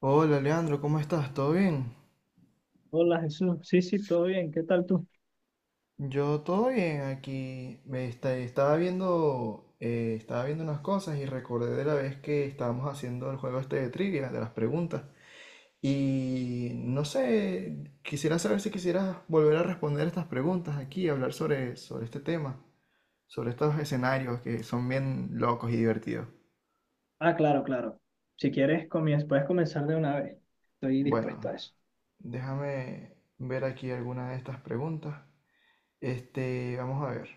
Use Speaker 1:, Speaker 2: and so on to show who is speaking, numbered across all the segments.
Speaker 1: Hola Leandro, ¿cómo estás? ¿Todo bien?
Speaker 2: Hola Jesús, sí, sí, todo bien, ¿qué tal tú?
Speaker 1: Yo todo bien aquí. Estaba viendo, estaba viendo unas cosas y recordé de la vez que estábamos haciendo el juego este de trivia, de las preguntas. Y no sé, quisiera saber si quisieras volver a responder estas preguntas aquí, hablar sobre este tema, sobre estos escenarios que son bien locos y divertidos.
Speaker 2: Ah, claro, claro. Si quieres, comienza, puedes comenzar de una vez. Estoy dispuesto
Speaker 1: Bueno,
Speaker 2: a eso.
Speaker 1: déjame ver aquí alguna de estas preguntas. Este, vamos a ver.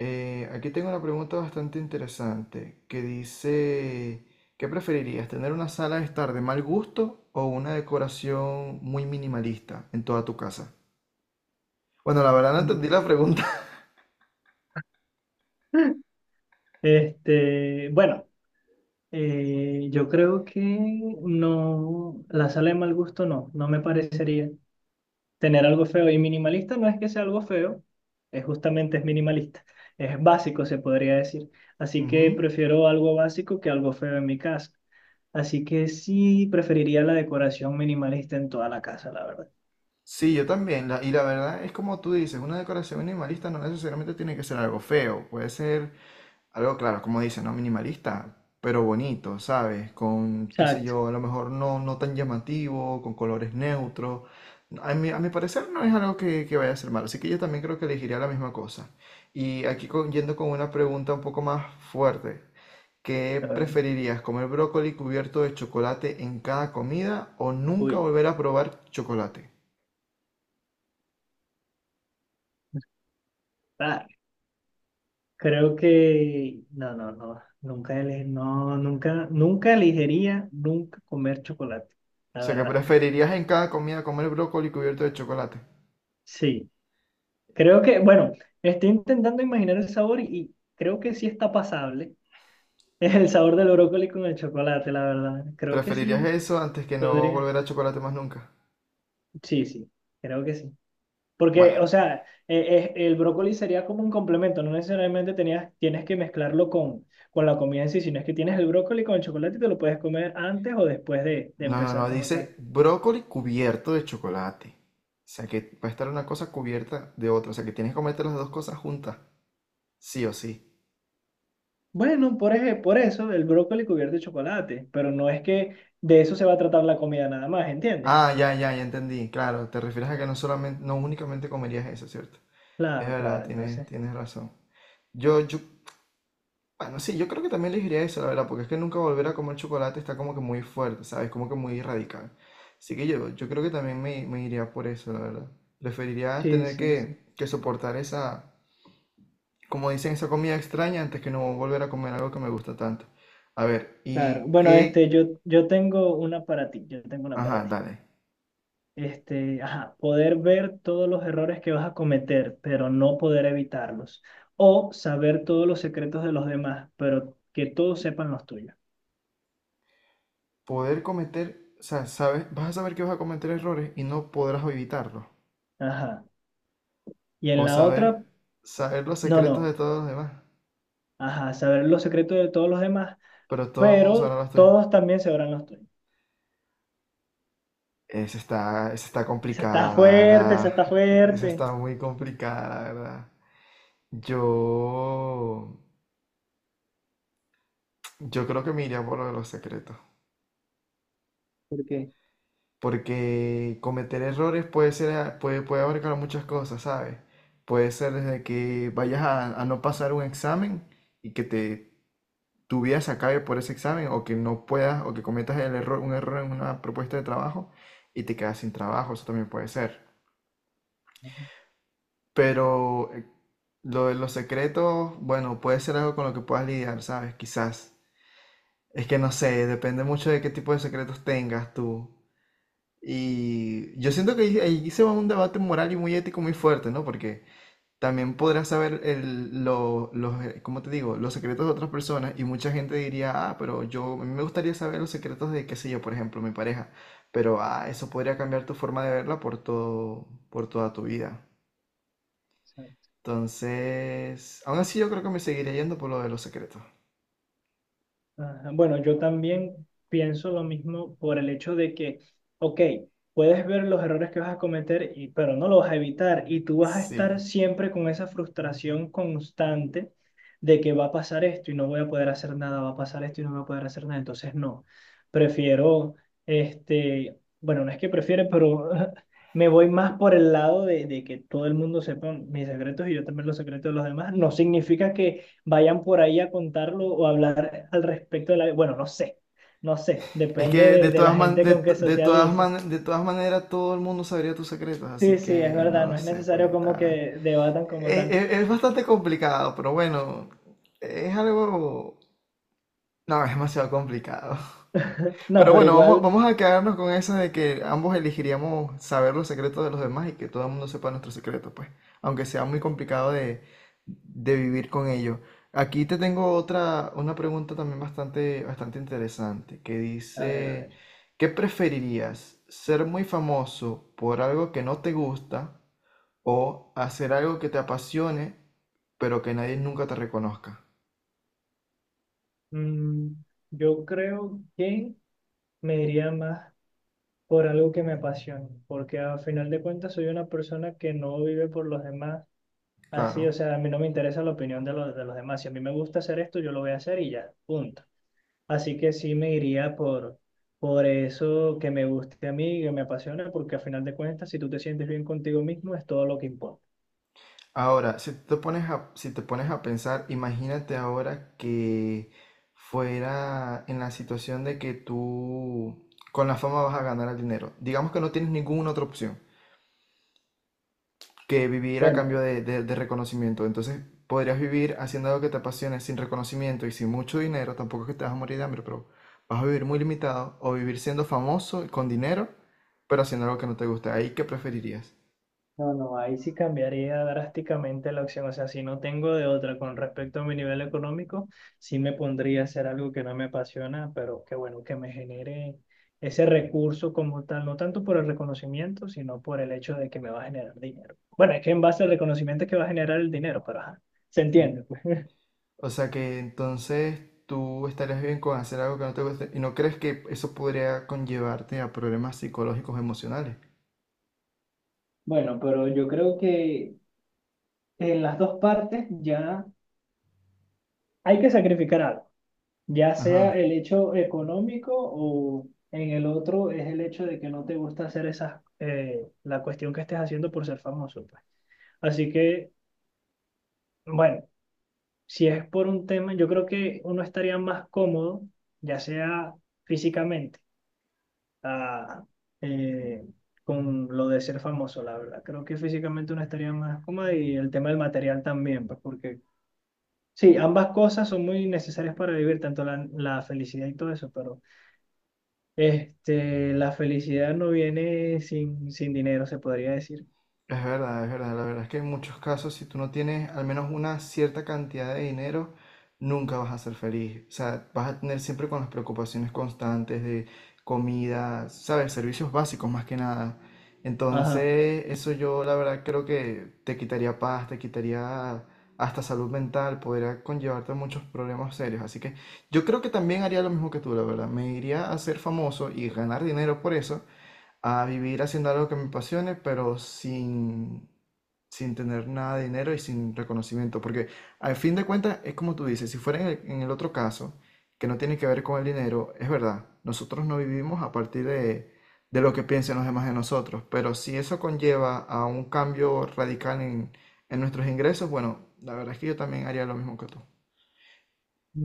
Speaker 1: Aquí tengo una pregunta bastante interesante que dice, ¿qué preferirías, tener una sala de estar de mal gusto o una decoración muy minimalista en toda tu casa? Bueno, la verdad no
Speaker 2: Mm.
Speaker 1: entendí la pregunta.
Speaker 2: Este, bueno, yo creo que no, la sala de mal gusto no, no me parecería tener algo feo. Y minimalista no es que sea algo feo, es justamente es minimalista, es básico, se podría decir. Así que
Speaker 1: Ujú.
Speaker 2: prefiero algo básico que algo feo en mi casa. Así que sí, preferiría la decoración minimalista en toda la casa, la verdad. O
Speaker 1: Sí, yo también. Y la verdad es como tú dices, una decoración minimalista no necesariamente tiene que ser algo feo. Puede ser algo claro, como dice, ¿no? Minimalista, pero bonito, ¿sabes? Con, qué sé yo, a lo mejor no tan llamativo, con colores neutros. A mi parecer no es algo que vaya a ser malo, así que yo también creo que elegiría la misma cosa. Y aquí yendo con una pregunta un poco más fuerte. ¿Qué
Speaker 2: a ver,
Speaker 1: preferirías, comer brócoli cubierto de chocolate en cada comida o nunca
Speaker 2: uy,
Speaker 1: volver a probar chocolate?
Speaker 2: ah, creo que no, no, no, nunca ele- no, nunca, nunca elegiría nunca comer chocolate,
Speaker 1: O
Speaker 2: la
Speaker 1: sea, que
Speaker 2: verdad.
Speaker 1: preferirías en cada comida comer brócoli cubierto de chocolate.
Speaker 2: Sí, creo que, bueno, estoy intentando imaginar el sabor y creo que sí está pasable. Es el sabor del brócoli con el chocolate, la verdad. Creo que
Speaker 1: ¿Preferirías
Speaker 2: sí,
Speaker 1: eso antes que no
Speaker 2: podría.
Speaker 1: volver a chocolate más nunca?
Speaker 2: Sí, sí, creo que sí. Porque,
Speaker 1: Bueno,
Speaker 2: o sea, el brócoli sería como un complemento, no necesariamente tenías, tienes que mezclarlo con la comida en sí, sino es que tienes el brócoli con el chocolate y te lo puedes comer antes o después de
Speaker 1: no, no,
Speaker 2: empezar
Speaker 1: no,
Speaker 2: como tal.
Speaker 1: dice brócoli cubierto de chocolate. O sea que va a estar una cosa cubierta de otra. O sea que tienes que comerte las dos cosas juntas. Sí o sí.
Speaker 2: Bueno, por eso el brócoli cubierto de chocolate, pero no es que de eso se va a tratar la comida nada más, ¿entiendes?
Speaker 1: Ah, ya entendí. Claro, te refieres a que no solamente, no únicamente comerías eso, ¿cierto? Es
Speaker 2: Claro,
Speaker 1: verdad,
Speaker 2: claro, entonces.
Speaker 1: tienes razón. Yo, yo, bueno, sí, yo creo que también elegiría eso, la verdad, porque es que nunca volver a comer chocolate está como que muy fuerte, ¿sabes? Como que muy radical. Así que yo creo que también me iría por eso, la verdad. Preferiría
Speaker 2: Sí,
Speaker 1: tener
Speaker 2: sí, sí.
Speaker 1: que soportar esa, como dicen, esa comida extraña antes que no volver a comer algo que me gusta tanto. A ver,
Speaker 2: Claro.
Speaker 1: y
Speaker 2: Bueno,
Speaker 1: qué,
Speaker 2: este, yo tengo una para ti, yo tengo una para
Speaker 1: ajá,
Speaker 2: ti.
Speaker 1: dale.
Speaker 2: Este, ajá, poder ver todos los errores que vas a cometer, pero no poder evitarlos. O saber todos los secretos de los demás, pero que todos sepan los tuyos.
Speaker 1: Poder cometer, o sea, sabes, vas a saber que vas a cometer errores y no podrás evitarlos.
Speaker 2: Ajá. Y en
Speaker 1: O
Speaker 2: la otra,
Speaker 1: saber, saber los
Speaker 2: no,
Speaker 1: secretos de
Speaker 2: no.
Speaker 1: todos los demás,
Speaker 2: Ajá, saber los secretos de todos los demás,
Speaker 1: pero todo el mundo sabrá
Speaker 2: pero
Speaker 1: los tuyos.
Speaker 2: todos también sabrán los tuyos.
Speaker 1: Esa está
Speaker 2: Esa está
Speaker 1: complicada, la
Speaker 2: fuerte,
Speaker 1: verdad.
Speaker 2: esa está
Speaker 1: Esa
Speaker 2: fuerte.
Speaker 1: está muy complicada, la verdad. Yo, yo creo que me iría por lo de los secretos.
Speaker 2: ¿Por qué?
Speaker 1: Porque cometer errores puede puede, puede abarcar muchas cosas, ¿sabes? Puede ser desde que vayas a no pasar un examen y que tu vida se acabe por ese examen, o que no puedas, o que cometas el error, un error en una propuesta de trabajo y te quedas sin trabajo, eso también puede ser. Pero lo de los secretos, bueno, puede ser algo con lo que puedas lidiar, ¿sabes? Quizás. Es que no sé, depende mucho de qué tipo de secretos tengas tú. Y yo siento que ahí se va un debate moral y muy ético muy fuerte, ¿no? Porque también podrás saber los, ¿cómo te digo? Los secretos de otras personas y mucha gente diría, ah, pero yo, a mí me gustaría saber los secretos de, qué sé yo, por ejemplo, mi pareja. Pero, ah, eso podría cambiar tu forma de verla por todo, por toda tu vida. Entonces, aún así yo creo que me seguiría yendo por lo de los secretos.
Speaker 2: Ajá, bueno, yo también pienso lo mismo por el hecho de que, ok, puedes ver los errores que vas a cometer, y, pero no los vas a evitar y tú vas a
Speaker 1: Sí.
Speaker 2: estar siempre con esa frustración constante de que va a pasar esto y no voy a poder hacer nada, va a pasar esto y no voy a poder hacer nada. Entonces, no, prefiero, este, bueno, no es que prefiere, pero me voy más por el lado de que todo el mundo sepa mis secretos y yo también los secretos de los demás. No significa que vayan por ahí a contarlo o hablar al respecto de la... Bueno, no sé, no sé,
Speaker 1: Es
Speaker 2: depende
Speaker 1: que de
Speaker 2: de la
Speaker 1: todas man-
Speaker 2: gente
Speaker 1: de,
Speaker 2: con
Speaker 1: t-
Speaker 2: que
Speaker 1: de todas
Speaker 2: socialice.
Speaker 1: man- de todas maneras todo el mundo sabría tus secretos,
Speaker 2: Sí,
Speaker 1: así
Speaker 2: sí, es
Speaker 1: que no
Speaker 2: verdad, no
Speaker 1: lo
Speaker 2: es
Speaker 1: sé, pues
Speaker 2: necesario como
Speaker 1: está...
Speaker 2: que debatan como tal.
Speaker 1: Es bastante complicado, pero bueno, es algo... No, es demasiado complicado.
Speaker 2: No,
Speaker 1: Pero
Speaker 2: pero
Speaker 1: bueno,
Speaker 2: igual,
Speaker 1: vamos a quedarnos con eso de que ambos elegiríamos saber los secretos de los demás y que todo el mundo sepa nuestros secretos pues, aunque sea muy complicado de vivir con ello. Aquí te tengo otra, una pregunta también bastante interesante, que
Speaker 2: a ver, a
Speaker 1: dice,
Speaker 2: ver.
Speaker 1: ¿qué preferirías? ¿Ser muy famoso por algo que no te gusta o hacer algo que te apasione, pero que nadie nunca te reconozca?
Speaker 2: Mm, yo creo que me iría más por algo que me apasione, porque al final de cuentas soy una persona que no vive por los demás. Así,
Speaker 1: Claro.
Speaker 2: o sea, a mí no me interesa la opinión de los demás. Si a mí me gusta hacer esto, yo lo voy a hacer y ya, punto. Así que sí me iría por eso que me guste a mí, que me apasiona, porque a final de cuentas, si tú te sientes bien contigo mismo, es todo lo que importa.
Speaker 1: Ahora, si te pones a pensar, imagínate ahora que fuera en la situación de que tú con la fama vas a ganar el dinero. Digamos que no tienes ninguna otra opción que vivir a cambio
Speaker 2: Bueno,
Speaker 1: de reconocimiento. Entonces, podrías vivir haciendo algo que te apasione sin reconocimiento y sin mucho dinero. Tampoco es que te vas a morir de hambre, pero vas a vivir muy limitado o vivir siendo famoso y con dinero, pero haciendo algo que no te gusta. ¿Ahí qué preferirías?
Speaker 2: no, no, ahí sí cambiaría drásticamente la opción. O sea, si no tengo de otra con respecto a mi nivel económico, sí me pondría a hacer algo que no me apasiona, pero que bueno, que me genere ese recurso como tal, no tanto por el reconocimiento, sino por el hecho de que me va a generar dinero. Bueno, es que en base al reconocimiento es que va a generar el dinero, pero ajá, se entiende.
Speaker 1: O sea que entonces tú estarías bien con hacer algo que no te guste y no crees que eso podría conllevarte a problemas psicológicos emocionales.
Speaker 2: Bueno, pero yo creo que en las dos partes ya hay que sacrificar algo, ya sea
Speaker 1: Ajá.
Speaker 2: el hecho económico o en el otro es el hecho de que no te gusta hacer esas, la cuestión que estés haciendo por ser famoso, pues. Así que, bueno, si es por un tema, yo creo que uno estaría más cómodo, ya sea físicamente, ah, eh, con lo de ser famoso, la verdad. Creo que físicamente uno estaría más cómodo y el tema del material también, pues, porque sí, ambas cosas son muy necesarias para vivir, tanto la, la felicidad y todo eso, pero este, la felicidad no viene sin, sin dinero, se podría decir.
Speaker 1: Es verdad, es verdad. La verdad es que en muchos casos, si tú no tienes al menos una cierta cantidad de dinero, nunca vas a ser feliz. O sea, vas a tener siempre con las preocupaciones constantes de comida, ¿sabes? Servicios básicos más que nada.
Speaker 2: Ajá.
Speaker 1: Entonces, eso yo la verdad creo que te quitaría paz, te quitaría hasta salud mental, podría conllevarte muchos problemas serios. Así que yo creo que también haría lo mismo que tú, la verdad. Me iría a ser famoso y ganar dinero por eso a vivir haciendo algo que me apasione, pero sin tener nada de dinero y sin reconocimiento. Porque al fin de cuentas, es como tú dices, si fuera en en el otro caso, que no tiene que ver con el dinero, es verdad, nosotros no vivimos a partir de lo que piensen los demás de nosotros, pero si eso conlleva a un cambio radical en nuestros ingresos, bueno, la verdad es que yo también haría lo mismo que tú.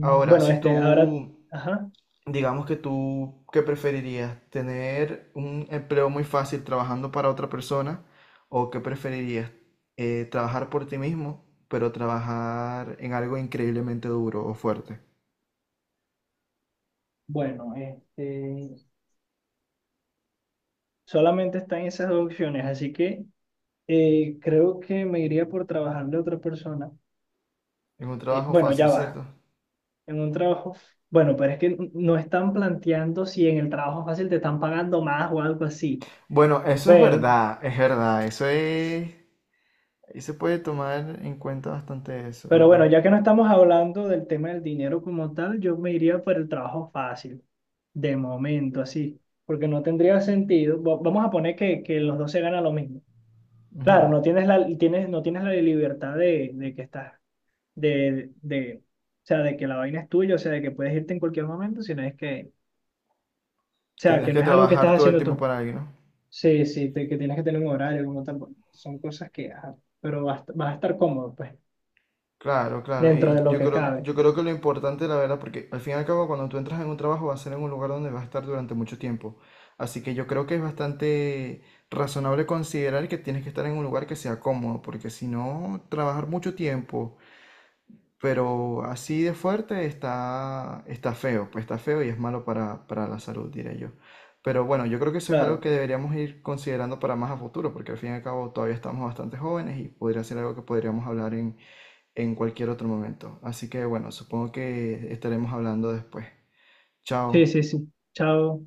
Speaker 1: Ahora, si
Speaker 2: este, ahora,
Speaker 1: tú
Speaker 2: ajá.
Speaker 1: digamos que tú, ¿qué preferirías? ¿Tener un empleo muy fácil trabajando para otra persona? ¿O qué preferirías? ¿Trabajar por ti mismo, pero trabajar en algo increíblemente duro o fuerte?
Speaker 2: Bueno, este, solamente están esas dos opciones, así que creo que me iría por trabajarle a otra persona.
Speaker 1: En un trabajo
Speaker 2: Bueno,
Speaker 1: fácil,
Speaker 2: ya va,
Speaker 1: ¿cierto?
Speaker 2: en un trabajo. Bueno, pero es que no están planteando si en el trabajo fácil te están pagando más o algo así,
Speaker 1: Bueno, eso es
Speaker 2: pero
Speaker 1: verdad, es verdad. Eso es... Ahí se puede tomar en cuenta bastante eso, la
Speaker 2: Pero bueno,
Speaker 1: verdad.
Speaker 2: ya que no estamos hablando del tema del dinero como tal, yo me iría por el trabajo fácil, de momento, así, porque no tendría sentido. Vamos a poner que los dos se ganan lo mismo.
Speaker 1: Ujú.
Speaker 2: Claro, no tienes la, tienes, no tienes la libertad de que estás, de, o sea, de que la vaina es tuya, o sea, de que puedes irte en cualquier momento, sino es que, o sea,
Speaker 1: Tendrías
Speaker 2: que
Speaker 1: que
Speaker 2: no es algo que
Speaker 1: trabajar
Speaker 2: estás
Speaker 1: todo el
Speaker 2: haciendo
Speaker 1: tiempo
Speaker 2: tú.
Speaker 1: para alguien, ¿no?
Speaker 2: Sí, sí, que tienes que tener un horario como tal. Son cosas que, ajá, pero vas, vas a estar cómodo, pues,
Speaker 1: Claro, claro.
Speaker 2: dentro
Speaker 1: Y
Speaker 2: de lo que cabe.
Speaker 1: yo creo que lo importante, la verdad, porque al fin y al cabo, cuando tú entras en un trabajo, va a ser en un lugar donde vas a estar durante mucho tiempo. Así que yo creo que es bastante razonable considerar que tienes que estar en un lugar que sea cómodo, porque si no, trabajar mucho tiempo, pero así de fuerte está, está feo, pues está feo y es malo para la salud, diré yo. Pero bueno, yo creo que eso es algo
Speaker 2: Claro.
Speaker 1: que deberíamos ir considerando para más a futuro, porque al fin y al cabo todavía estamos bastante jóvenes y podría ser algo que podríamos hablar en cualquier otro momento. Así que bueno, supongo que estaremos hablando después.
Speaker 2: Sí, sí,
Speaker 1: Chao.
Speaker 2: sí. Chao.